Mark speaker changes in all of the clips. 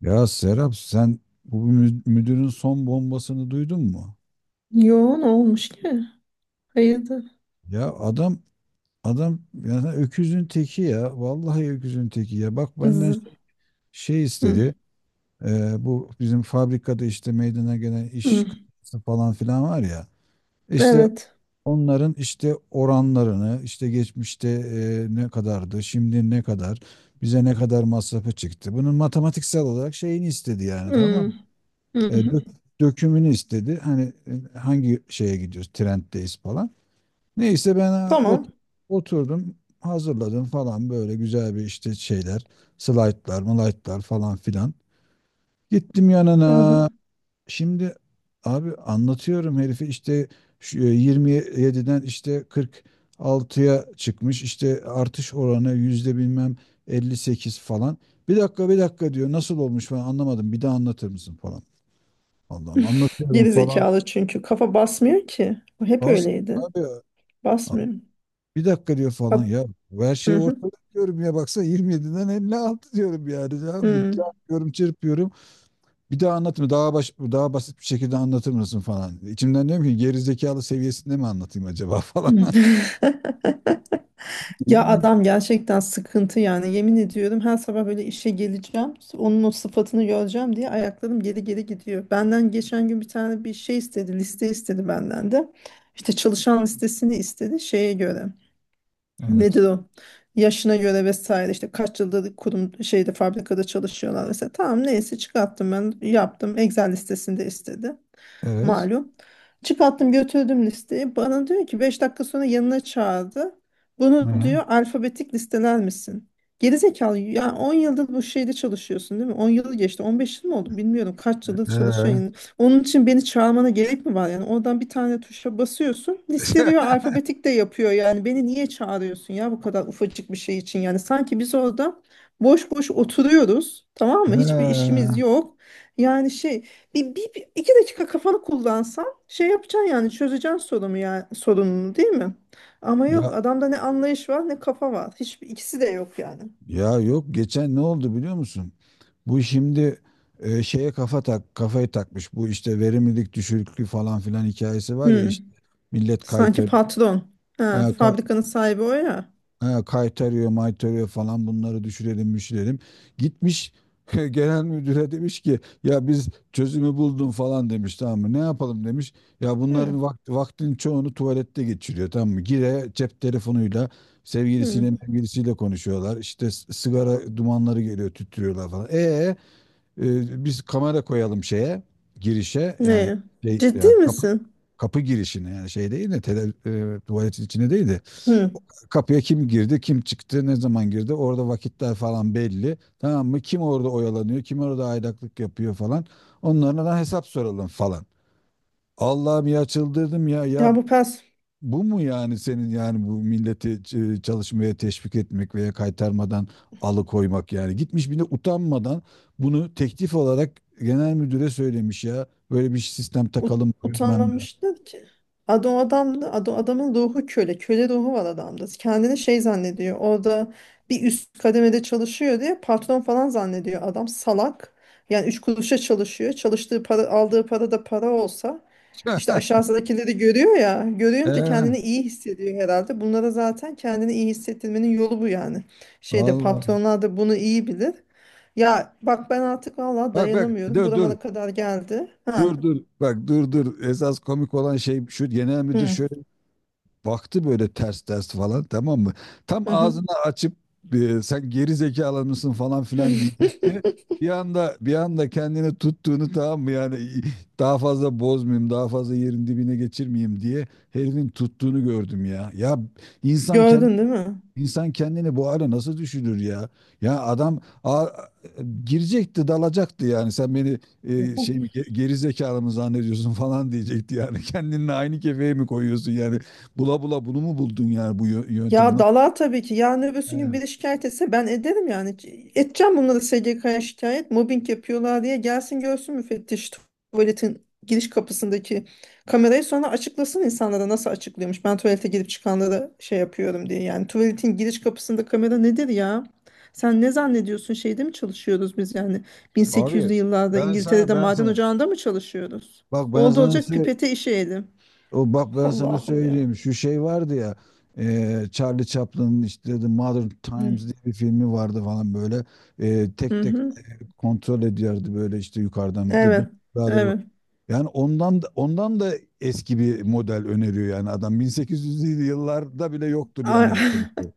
Speaker 1: Ya Serap, sen bu müdürün son bombasını duydun mu?
Speaker 2: Yo, ne olmuş ki? Hayırdır?
Speaker 1: Ya adam yani öküzün teki ya. Vallahi öküzün teki ya. Bak, benden
Speaker 2: Z-
Speaker 1: şey, şey
Speaker 2: Hı,
Speaker 1: istedi. Bu bizim fabrikada işte meydana gelen iş
Speaker 2: hı.
Speaker 1: kazası falan filan var ya. İşte
Speaker 2: Evet.
Speaker 1: onların işte oranlarını, işte geçmişte ne kadardı, şimdi ne kadar, bize ne kadar masrafı çıktı. Bunun matematiksel olarak şeyini istedi yani, tamam
Speaker 2: Hı,
Speaker 1: mı?
Speaker 2: hı,
Speaker 1: E,
Speaker 2: hı.
Speaker 1: dök- dökümünü istedi. Hani hangi şeye gidiyoruz? Trenddeyiz falan. Neyse ben,
Speaker 2: Tamam.
Speaker 1: oturdum, hazırladım falan, böyle güzel bir işte şeyler, slaytlar, malaytlar falan filan. Gittim
Speaker 2: Hı, hı.
Speaker 1: yanına. Şimdi abi, anlatıyorum herifi işte şu, 27'den işte 46'ya çıkmış, işte artış oranı yüzde bilmem 58 falan. Bir dakika, bir dakika diyor, nasıl olmuş falan, anlamadım, bir daha anlatır mısın falan. Allah'ım, anlatıyorum
Speaker 2: Geri
Speaker 1: falan.
Speaker 2: zekalı, çünkü kafa basmıyor ki. O hep
Speaker 1: Kasım
Speaker 2: öyleydi.
Speaker 1: abi
Speaker 2: Basmıyor.
Speaker 1: bir dakika diyor falan
Speaker 2: Hat-
Speaker 1: ya. Bu, her
Speaker 2: Hı,
Speaker 1: şey
Speaker 2: hı,
Speaker 1: ortada diyorum ya, baksana, 27'den 56 diyorum yani. Ya,
Speaker 2: hı,
Speaker 1: çarpıyorum, çırpıyorum. Bir daha anlatma, daha daha basit bir şekilde anlatır mısın falan. İçimden diyorum ki, gerizekalı seviyesinde mi anlatayım acaba falan.
Speaker 2: hı. Ya adam gerçekten sıkıntı yani, yemin ediyorum, her sabah böyle işe geleceğim, onun o sıfatını göreceğim diye ayaklarım geri geri gidiyor. Benden geçen gün bir şey istedi, liste istedi benden, de işte çalışan listesini istedi şeye göre.
Speaker 1: Evet.
Speaker 2: Nedir o? Yaşına göre vesaire, işte kaç yıldır kurum şeyde fabrikada çalışıyorlar vesaire. Tamam, neyse çıkarttım, ben yaptım. Excel listesinde istedi,
Speaker 1: Evet.
Speaker 2: malum. Çıkarttım, götürdüm listeyi. Bana diyor ki, 5 dakika sonra yanına çağırdı. Bunu
Speaker 1: Ee,
Speaker 2: diyor alfabetik listeler misin? Gerizekalı ya, 10 yıldır bu şeyde çalışıyorsun değil mi? 10 yıl geçti. 15 yıl mı oldu bilmiyorum. Kaç yıldır
Speaker 1: ee,
Speaker 2: çalışıyorsun. Yani onun için beni çağırmana gerek mi var? Yani oradan bir tane tuşa basıyorsun. Listeliyor, alfabetik de yapıyor. Yani beni niye çağırıyorsun ya bu kadar ufacık bir şey için? Yani sanki biz orada boş boş oturuyoruz. Tamam mı? Hiçbir işimiz
Speaker 1: ee.
Speaker 2: yok. Yani şey, iki dakika kafanı kullansan şey yapacaksın yani, çözeceksin sorunu, ya sorununu değil mi? Ama yok,
Speaker 1: Ya
Speaker 2: adamda ne anlayış var ne kafa var. Hiçbir, ikisi de yok yani.
Speaker 1: Ya yok, geçen ne oldu biliyor musun? Bu şimdi şeye kafayı takmış. Bu işte verimlilik düşüklüğü falan filan hikayesi var ya, işte
Speaker 2: Hmm.
Speaker 1: millet
Speaker 2: Sanki
Speaker 1: kaytarıyor.
Speaker 2: patron. Ha, fabrikanın sahibi o ya.
Speaker 1: Ha, kaytarıyor, maytarıyor falan, bunları düşürelim, müşürelim. Gitmiş genel müdüre demiş ki, ya biz çözümü buldum falan demiş, tamam mı? Ne yapalım demiş. Ya
Speaker 2: Hmm.
Speaker 1: bunların vakti, vaktin çoğunu tuvalette geçiriyor, tamam mı? Gire cep telefonuyla
Speaker 2: Hmm.
Speaker 1: sevgilisiyle konuşuyorlar. İşte sigara dumanları geliyor, tüttürüyorlar falan. Biz kamera koyalım şeye, girişe yani,
Speaker 2: Ne?
Speaker 1: şey
Speaker 2: Ciddi
Speaker 1: yani kapı
Speaker 2: misin?
Speaker 1: kapı girişine yani, şey değil de tuvaletin içine değil de
Speaker 2: Hmm.
Speaker 1: kapıya, kim girdi, kim çıktı, ne zaman girdi? Orada vakitler falan belli, tamam mı? Kim orada oyalanıyor, kim orada aydaklık yapıyor falan, onlara da hesap soralım falan. Allah'ım ya, çıldırdım ya. Ya,
Speaker 2: Ya bu pers
Speaker 1: bu mu yani senin, yani bu milleti çalışmaya teşvik etmek veya kaytarmadan alıkoymak yani? Gitmiş bir de utanmadan bunu teklif olarak genel müdüre söylemiş ya. Böyle bir sistem
Speaker 2: Ut
Speaker 1: takalım bilmem ne.
Speaker 2: utanmamışlar ki. Adam adamdı adam, adamın ruhu köle. Köle ruhu var adamda. Kendini şey zannediyor. Orada bir üst kademede çalışıyor diye patron falan zannediyor. Adam salak. Yani üç kuruşa çalışıyor. Çalıştığı para, aldığı para da para olsa işte aşağısındakileri görüyor ya. Görünce
Speaker 1: Ee,
Speaker 2: kendini iyi hissediyor herhalde. Bunlara zaten kendini iyi hissettirmenin yolu bu yani. Şeyde
Speaker 1: Vallahi.
Speaker 2: patronlar da bunu iyi bilir. Ya bak, ben artık vallahi
Speaker 1: Bak bak,
Speaker 2: dayanamıyorum.
Speaker 1: dur dur.
Speaker 2: Buramana kadar geldi. Ha.
Speaker 1: Dur dur, bak dur dur, esas komik olan şey şu, genel müdür
Speaker 2: Hı.
Speaker 1: şöyle baktı böyle, ters ters falan, tamam mı? Tam
Speaker 2: Hı hı.
Speaker 1: ağzını açıp sen geri zekalı mısın falan filan diyecekti. Bir anda, bir anda kendini tuttuğunu, tamam mı yani, daha fazla bozmayayım, daha fazla yerin dibine geçirmeyeyim diye herifin tuttuğunu gördüm ya. Ya, insan kendi
Speaker 2: Gördün değil mi?
Speaker 1: İnsan kendini bu hale nasıl düşürür ya? Ya, adam girecekti, dalacaktı yani. Sen beni
Speaker 2: Hı hı.
Speaker 1: şey mi, geri zekalı mı zannediyorsun falan diyecekti yani. Kendinle aynı kefeye mi koyuyorsun yani? Bula bula bunu mu buldun, yani bu yöntemi?
Speaker 2: Ya dala tabii ki. Yarın öbürsü
Speaker 1: He,
Speaker 2: gün biri şikayet etse ben ederim yani. Edeceğim bunları SGK'ya şikayet. Mobbing yapıyorlar diye gelsin görsün müfettiş tuvaletin giriş kapısındaki kamerayı, sonra açıklasın insanlara nasıl açıklıyormuş. Ben tuvalete girip çıkanlara şey yapıyorum diye. Yani tuvaletin giriş kapısında kamera nedir ya? Sen ne zannediyorsun, şeyde mi çalışıyoruz biz yani?
Speaker 1: abi,
Speaker 2: 1800'lü yıllarda
Speaker 1: ben sana
Speaker 2: İngiltere'de
Speaker 1: ben
Speaker 2: maden
Speaker 1: sana
Speaker 2: ocağında mı çalışıyoruz?
Speaker 1: bak ben
Speaker 2: Oldu
Speaker 1: sana
Speaker 2: olacak
Speaker 1: sö-
Speaker 2: pipete işeyelim.
Speaker 1: o bak, ben sana
Speaker 2: Allah'ım ya.
Speaker 1: söyleyeyim, şu şey vardı ya, Charlie Chaplin'in işte The Modern
Speaker 2: Hı
Speaker 1: Times diye bir filmi vardı falan, böyle
Speaker 2: hı.
Speaker 1: tek tek
Speaker 2: hı.
Speaker 1: kontrol ediyordu böyle, işte yukarıdan. The
Speaker 2: Evet.
Speaker 1: Big Brother bu.
Speaker 2: Evet.
Speaker 1: Yani ondan da eski bir model öneriyor yani, adam 1800'lü yıllarda bile yoktur yani böyle bir
Speaker 2: A-
Speaker 1: şey.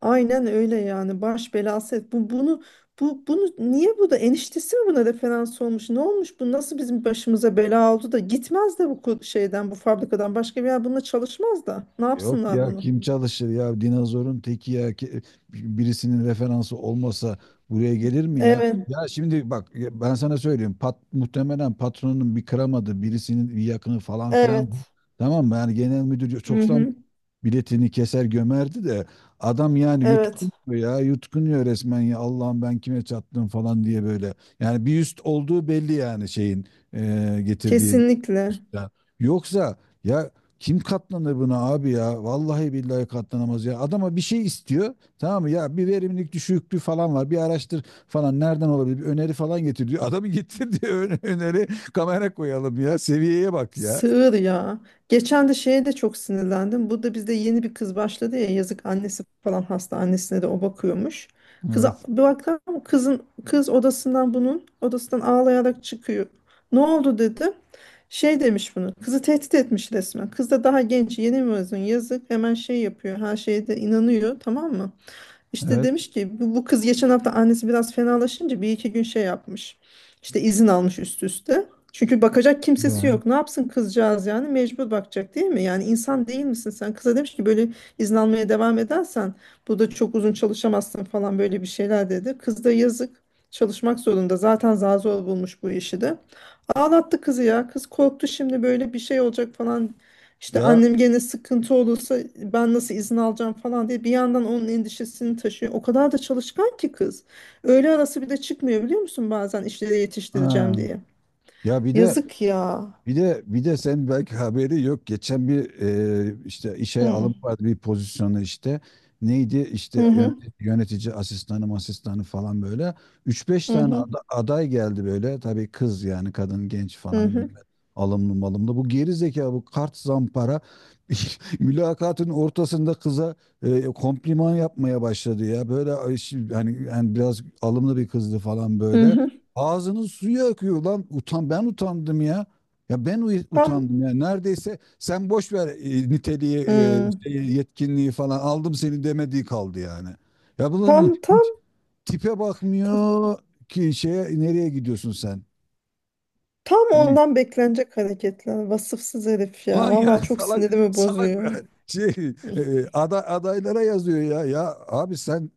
Speaker 2: Aynen öyle yani, baş belası et. Bu bunu niye, bu da eniştesi mi buna referans olmuş? Ne olmuş bu? Nasıl bizim başımıza bela oldu da gitmez de bu şeyden, bu fabrikadan başka bir yer bununla çalışmaz da. Ne
Speaker 1: Yok
Speaker 2: yapsınlar
Speaker 1: ya,
Speaker 2: bunu?
Speaker 1: kim çalışır ya, dinozorun teki ya. Birisinin referansı olmasa buraya gelir mi ya?
Speaker 2: Evet.
Speaker 1: Ya şimdi bak ya, ben sana söyleyeyim, muhtemelen patronun bir kıramadı, birisinin bir yakını falan filan,
Speaker 2: Evet.
Speaker 1: tamam mı? Yani genel müdür
Speaker 2: Hı
Speaker 1: çoktan
Speaker 2: hı.
Speaker 1: biletini keser, gömerdi de adam yani
Speaker 2: Evet.
Speaker 1: yutkunuyor ya, yutkunuyor resmen ya, Allah'ım ben kime çattım falan diye böyle. Yani bir üst olduğu belli yani, şeyin getirdiği
Speaker 2: Kesinlikle.
Speaker 1: üstten. Yoksa ya, kim katlanır buna abi ya? Vallahi billahi katlanamaz ya. Adama bir şey istiyor, tamam mı? Ya bir verimlilik düşüklüğü falan var, bir araştır falan. Nereden olabilir? Bir öneri falan getir diyor. Adamı getir diyor. Öneri, kamera koyalım ya. Seviyeye bak ya.
Speaker 2: Sığır ya. Geçen de şeye de çok sinirlendim. Burada bizde yeni bir kız başladı ya, yazık, annesi falan hasta, annesine de o bakıyormuş. Kıza
Speaker 1: Evet.
Speaker 2: bir baktım, kızın kız odasından bunun odasından ağlayarak çıkıyor. Ne oldu dedim? Şey demiş bunu. Kızı tehdit etmiş resmen. Kız da daha genç, yeni mezun, yazık, hemen şey yapıyor, her şeye de inanıyor, tamam mı? İşte
Speaker 1: Evet.
Speaker 2: demiş ki, bu kız geçen hafta annesi biraz fenalaşınca bir iki gün şey yapmış. İşte izin almış üst üste. Çünkü bakacak kimsesi
Speaker 1: Ya.
Speaker 2: yok. Ne yapsın kızcağız yani? Mecbur bakacak değil mi? Yani insan değil misin sen? Kıza demiş ki böyle izin almaya devam edersen burada çok uzun çalışamazsın falan, böyle bir şeyler dedi. Kız da yazık, çalışmak zorunda. Zaten zar zor bulmuş bu işi de. Ağlattı kızı ya. Kız korktu, şimdi böyle bir şey olacak falan. İşte
Speaker 1: Ya,
Speaker 2: annem gene sıkıntı olursa ben nasıl izin alacağım falan diye bir yandan onun endişesini taşıyor. O kadar da çalışkan ki kız. Öğle arası bir de çıkmıyor biliyor musun, bazen işleri yetiştireceğim
Speaker 1: ha.
Speaker 2: diye.
Speaker 1: Ya bir de
Speaker 2: Yazık ya.
Speaker 1: bir de sen belki haberi yok. Geçen bir işte işe
Speaker 2: Hı
Speaker 1: alım vardı, bir pozisyonu işte. Neydi işte,
Speaker 2: hı
Speaker 1: yönetici,
Speaker 2: hı
Speaker 1: yönetici asistanı falan böyle. Üç beş tane
Speaker 2: hı
Speaker 1: aday geldi böyle. Tabii kız yani, kadın genç falan,
Speaker 2: hı
Speaker 1: güzel, alımlı malımlı. Bu geri zeka, bu kart zampara mülakatın ortasında kıza kompliman yapmaya başladı ya. Böyle ay, hani yani biraz alımlı bir kızdı falan
Speaker 2: hı.
Speaker 1: böyle.
Speaker 2: hı.
Speaker 1: Ağzının suyu akıyor lan. Utan, ben utandım ya. Ya ben
Speaker 2: Tam
Speaker 1: utandım ya. Neredeyse sen boş ver niteliği,
Speaker 2: hı.
Speaker 1: şeyi, yetkinliği falan, aldım seni demediği kaldı yani. Ya bunun
Speaker 2: tam tam
Speaker 1: hiç tipe
Speaker 2: ta-
Speaker 1: bakmıyor ki şeye, nereye gidiyorsun sen?
Speaker 2: tam
Speaker 1: Yani,
Speaker 2: ondan beklenecek hareketler. Vasıfsız herif ya.
Speaker 1: ulan ya,
Speaker 2: Vallahi çok
Speaker 1: salak
Speaker 2: sinirimi bozuyor.
Speaker 1: salak şey
Speaker 2: Hı.
Speaker 1: adaylara yazıyor ya. Ya abi sen,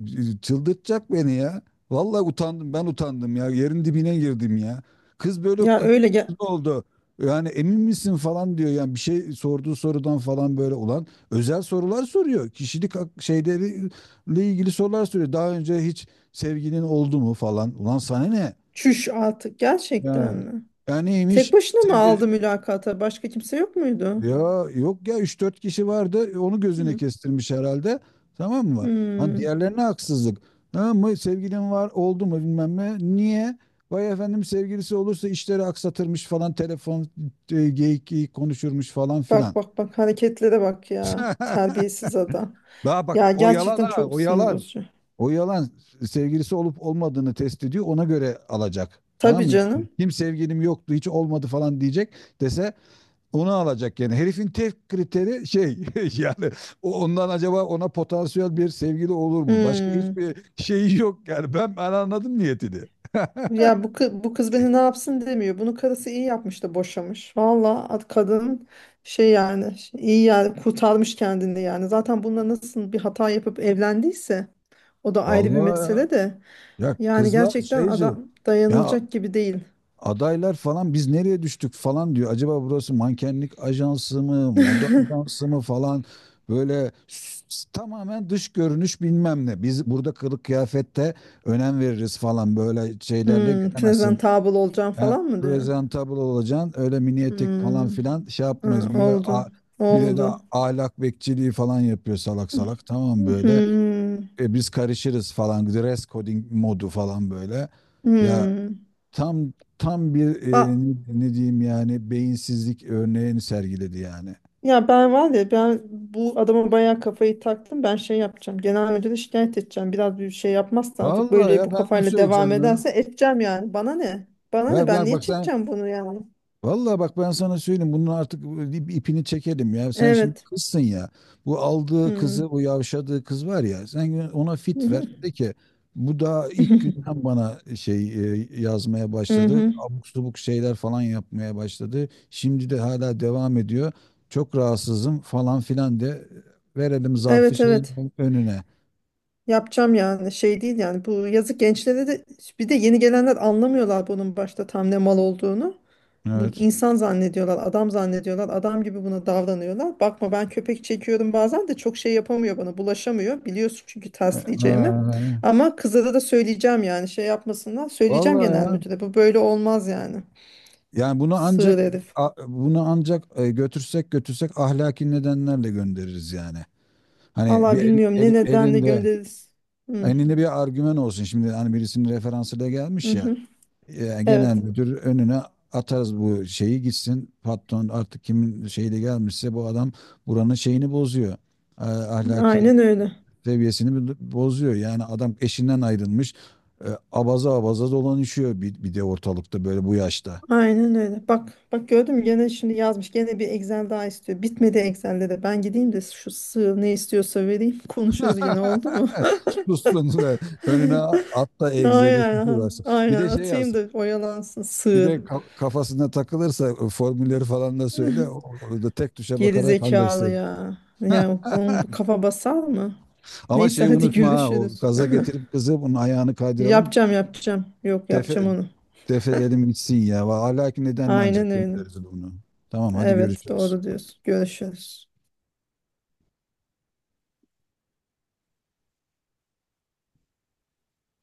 Speaker 1: çıldırtacak beni ya. Vallahi utandım, ben utandım ya. Yerin dibine girdim ya. Kız böyle
Speaker 2: Ya öyle gel.
Speaker 1: kıpkırmızı oldu. Yani emin misin falan diyor. Yani bir şey, sorduğu sorudan falan, böyle olan özel sorular soruyor. Kişilik şeyleri ile ilgili sorular soruyor. Daha önce hiç sevginin oldu mu falan. Ulan, sana ne?
Speaker 2: Çüş artık, gerçekten
Speaker 1: Ya.
Speaker 2: mi?
Speaker 1: Ya,
Speaker 2: Tek
Speaker 1: neymiş?
Speaker 2: başına mı
Speaker 1: Sevgili,
Speaker 2: aldı mülakata? Başka kimse yok muydu?
Speaker 1: ya yok ya, üç dört kişi vardı, onu gözüne
Speaker 2: Hı.
Speaker 1: kestirmiş herhalde, tamam mı? Hani
Speaker 2: Hmm.
Speaker 1: diğerlerine haksızlık. Ha, mı sevgilin var, oldu mu, bilmem ne. Niye? Vay efendim, sevgilisi olursa işleri aksatırmış falan, telefon geyik geyik konuşurmuş falan
Speaker 2: Bak
Speaker 1: filan.
Speaker 2: bak bak hareketlere bak ya. Terbiyesiz adam.
Speaker 1: Daha bak,
Speaker 2: Ya
Speaker 1: o yalan,
Speaker 2: gerçekten
Speaker 1: ha,
Speaker 2: çok
Speaker 1: o
Speaker 2: sinir
Speaker 1: yalan.
Speaker 2: bozucu.
Speaker 1: O yalan, sevgilisi olup olmadığını test ediyor, ona göre alacak, tamam
Speaker 2: Tabii
Speaker 1: mı? Yani,
Speaker 2: canım.
Speaker 1: kim sevgilim yoktu, hiç olmadı falan diyecek, dese onu alacak yani. Herifin tek kriteri şey, yani ondan acaba ona potansiyel bir sevgili olur mu? Başka
Speaker 2: Hmm.
Speaker 1: hiçbir şeyi yok yani. Ben anladım niyetini.
Speaker 2: Ya bu kız beni ne yapsın demiyor. Bunu karısı iyi yapmış da boşamış. Valla ad kadın, şey yani iyi yani, kurtarmış kendini yani. Zaten bununla nasıl bir hata yapıp evlendiyse o da ayrı bir
Speaker 1: Vallahi ya.
Speaker 2: mesele de.
Speaker 1: Ya
Speaker 2: Yani
Speaker 1: kızlar
Speaker 2: gerçekten
Speaker 1: şeyci
Speaker 2: adam
Speaker 1: ya,
Speaker 2: dayanılacak gibi değil.
Speaker 1: adaylar falan, biz nereye düştük falan diyor. Acaba burası mankenlik ajansı mı, moda ajansı mı falan, böyle tamamen dış görünüş bilmem ne. Biz burada kılık kıyafette önem veririz falan böyle, şeylerle
Speaker 2: Hmm,
Speaker 1: gelemezsin.
Speaker 2: presentable olacağım
Speaker 1: Yani
Speaker 2: falan mı diyor?
Speaker 1: presentable olacaksın. Öyle mini etek falan
Speaker 2: Hmm,
Speaker 1: filan şey
Speaker 2: ha,
Speaker 1: yapmayız. Güya
Speaker 2: oldu.
Speaker 1: bir de
Speaker 2: Oldu.
Speaker 1: ahlak bekçiliği falan yapıyor salak salak. Tamam böyle.
Speaker 2: Hmm,
Speaker 1: Biz karışırız falan. Dress coding modu falan böyle. Ya,
Speaker 2: hmm.
Speaker 1: tam tam bir
Speaker 2: Ba-
Speaker 1: ne diyeyim yani, beyinsizlik örneğini sergiledi yani.
Speaker 2: ya ben, var ya, ben bu adama bayağı kafayı taktım. Ben şey yapacağım. Genel müdüre şikayet edeceğim. Biraz bir şey yapmazsa artık,
Speaker 1: Vallahi
Speaker 2: böyle
Speaker 1: ya,
Speaker 2: bu
Speaker 1: ben onu
Speaker 2: kafayla devam
Speaker 1: söyleyeceğim ya.
Speaker 2: ederse edeceğim yani. Bana ne? Bana ne?
Speaker 1: Ver ver
Speaker 2: Ben niye
Speaker 1: bak sen.
Speaker 2: çekeceğim bunu yani?
Speaker 1: Vallahi bak, ben sana söyleyeyim, bunun artık ipini çekelim ya. Sen şimdi
Speaker 2: Evet.
Speaker 1: kızsın ya. Bu aldığı
Speaker 2: Hmm.
Speaker 1: kızı, bu yavşadığı kız var ya. Sen ona
Speaker 2: Hı
Speaker 1: fit
Speaker 2: hı.
Speaker 1: ver. De ki, bu daha ilk günden bana şey yazmaya başladı. Abuk subuk şeyler falan yapmaya başladı. Şimdi de hala devam ediyor. Çok rahatsızım falan filan de, verelim zarfı
Speaker 2: Evet
Speaker 1: şeyin
Speaker 2: evet.
Speaker 1: önüne.
Speaker 2: Yapacağım yani, şey değil yani, bu yazık gençlere de, bir de yeni gelenler anlamıyorlar bunun başta tam ne mal olduğunu. Bu
Speaker 1: Evet.
Speaker 2: insan zannediyorlar, adam zannediyorlar, adam gibi buna davranıyorlar. Bakma, ben köpek çekiyorum bazen de, çok şey yapamıyor bana, bulaşamıyor. Biliyorsun çünkü tersleyeceğimi.
Speaker 1: Ee,
Speaker 2: Ama kızlara da söyleyeceğim yani, şey yapmasınlar. Söyleyeceğim
Speaker 1: Vallahi
Speaker 2: genel
Speaker 1: ya.
Speaker 2: müdüre, bu böyle olmaz yani.
Speaker 1: Yani bunu
Speaker 2: Sığır
Speaker 1: ancak
Speaker 2: herif.
Speaker 1: bunu ancak götürsek ahlaki nedenlerle göndeririz yani. Hani bir
Speaker 2: Valla bilmiyorum ne nedenle göndeririz. Hı,
Speaker 1: elinde bir argüman olsun. Şimdi hani birisinin referansıyla
Speaker 2: hı
Speaker 1: gelmiş ya.
Speaker 2: hı.
Speaker 1: Genel
Speaker 2: Evet,
Speaker 1: müdür önüne atarız bu şeyi gitsin. Patron artık kimin şeyi de gelmişse, bu adam buranın şeyini bozuyor. Ahlaki
Speaker 2: aynen öyle.
Speaker 1: seviyesini bozuyor. Yani adam eşinden ayrılmış. Abaza abaza dolanışıyor, bir de ortalıkta böyle bu yaşta.
Speaker 2: Aynen öyle. Bak bak, gördün mü, gene şimdi yazmış. Gene bir Excel daha istiyor. Bitmedi Excel'de de. Ben gideyim de şu sığ ne istiyorsa vereyim. Konuşuruz yine, oldu mu?
Speaker 1: Sussun da önüne at da egzeli
Speaker 2: Aynen.
Speaker 1: tutuversin. Bir
Speaker 2: Aynen
Speaker 1: de şey yaz.
Speaker 2: atayım da oyalansın
Speaker 1: Bir de
Speaker 2: sığır.
Speaker 1: kafasına takılırsa formülleri falan da söyle. O da tek tuşa
Speaker 2: Geri
Speaker 1: bakarak
Speaker 2: zekalı
Speaker 1: halletsin.
Speaker 2: ya. Ya bunun bu kafa basar mı?
Speaker 1: Ama
Speaker 2: Neyse
Speaker 1: şeyi
Speaker 2: hadi
Speaker 1: unutma ha. O
Speaker 2: görüşürüz.
Speaker 1: gaza getirip kızı bunun ayağını kaydıralım.
Speaker 2: Yapacağım, yapacağım. Yok,
Speaker 1: Defe,
Speaker 2: yapacağım onu.
Speaker 1: Def edelim gitsin ya. Hala ki nedenle
Speaker 2: Aynen
Speaker 1: ancak
Speaker 2: öyle.
Speaker 1: göndeririz bunu. Tamam hadi
Speaker 2: Evet
Speaker 1: görüşürüz.
Speaker 2: doğru diyorsun. Görüşürüz.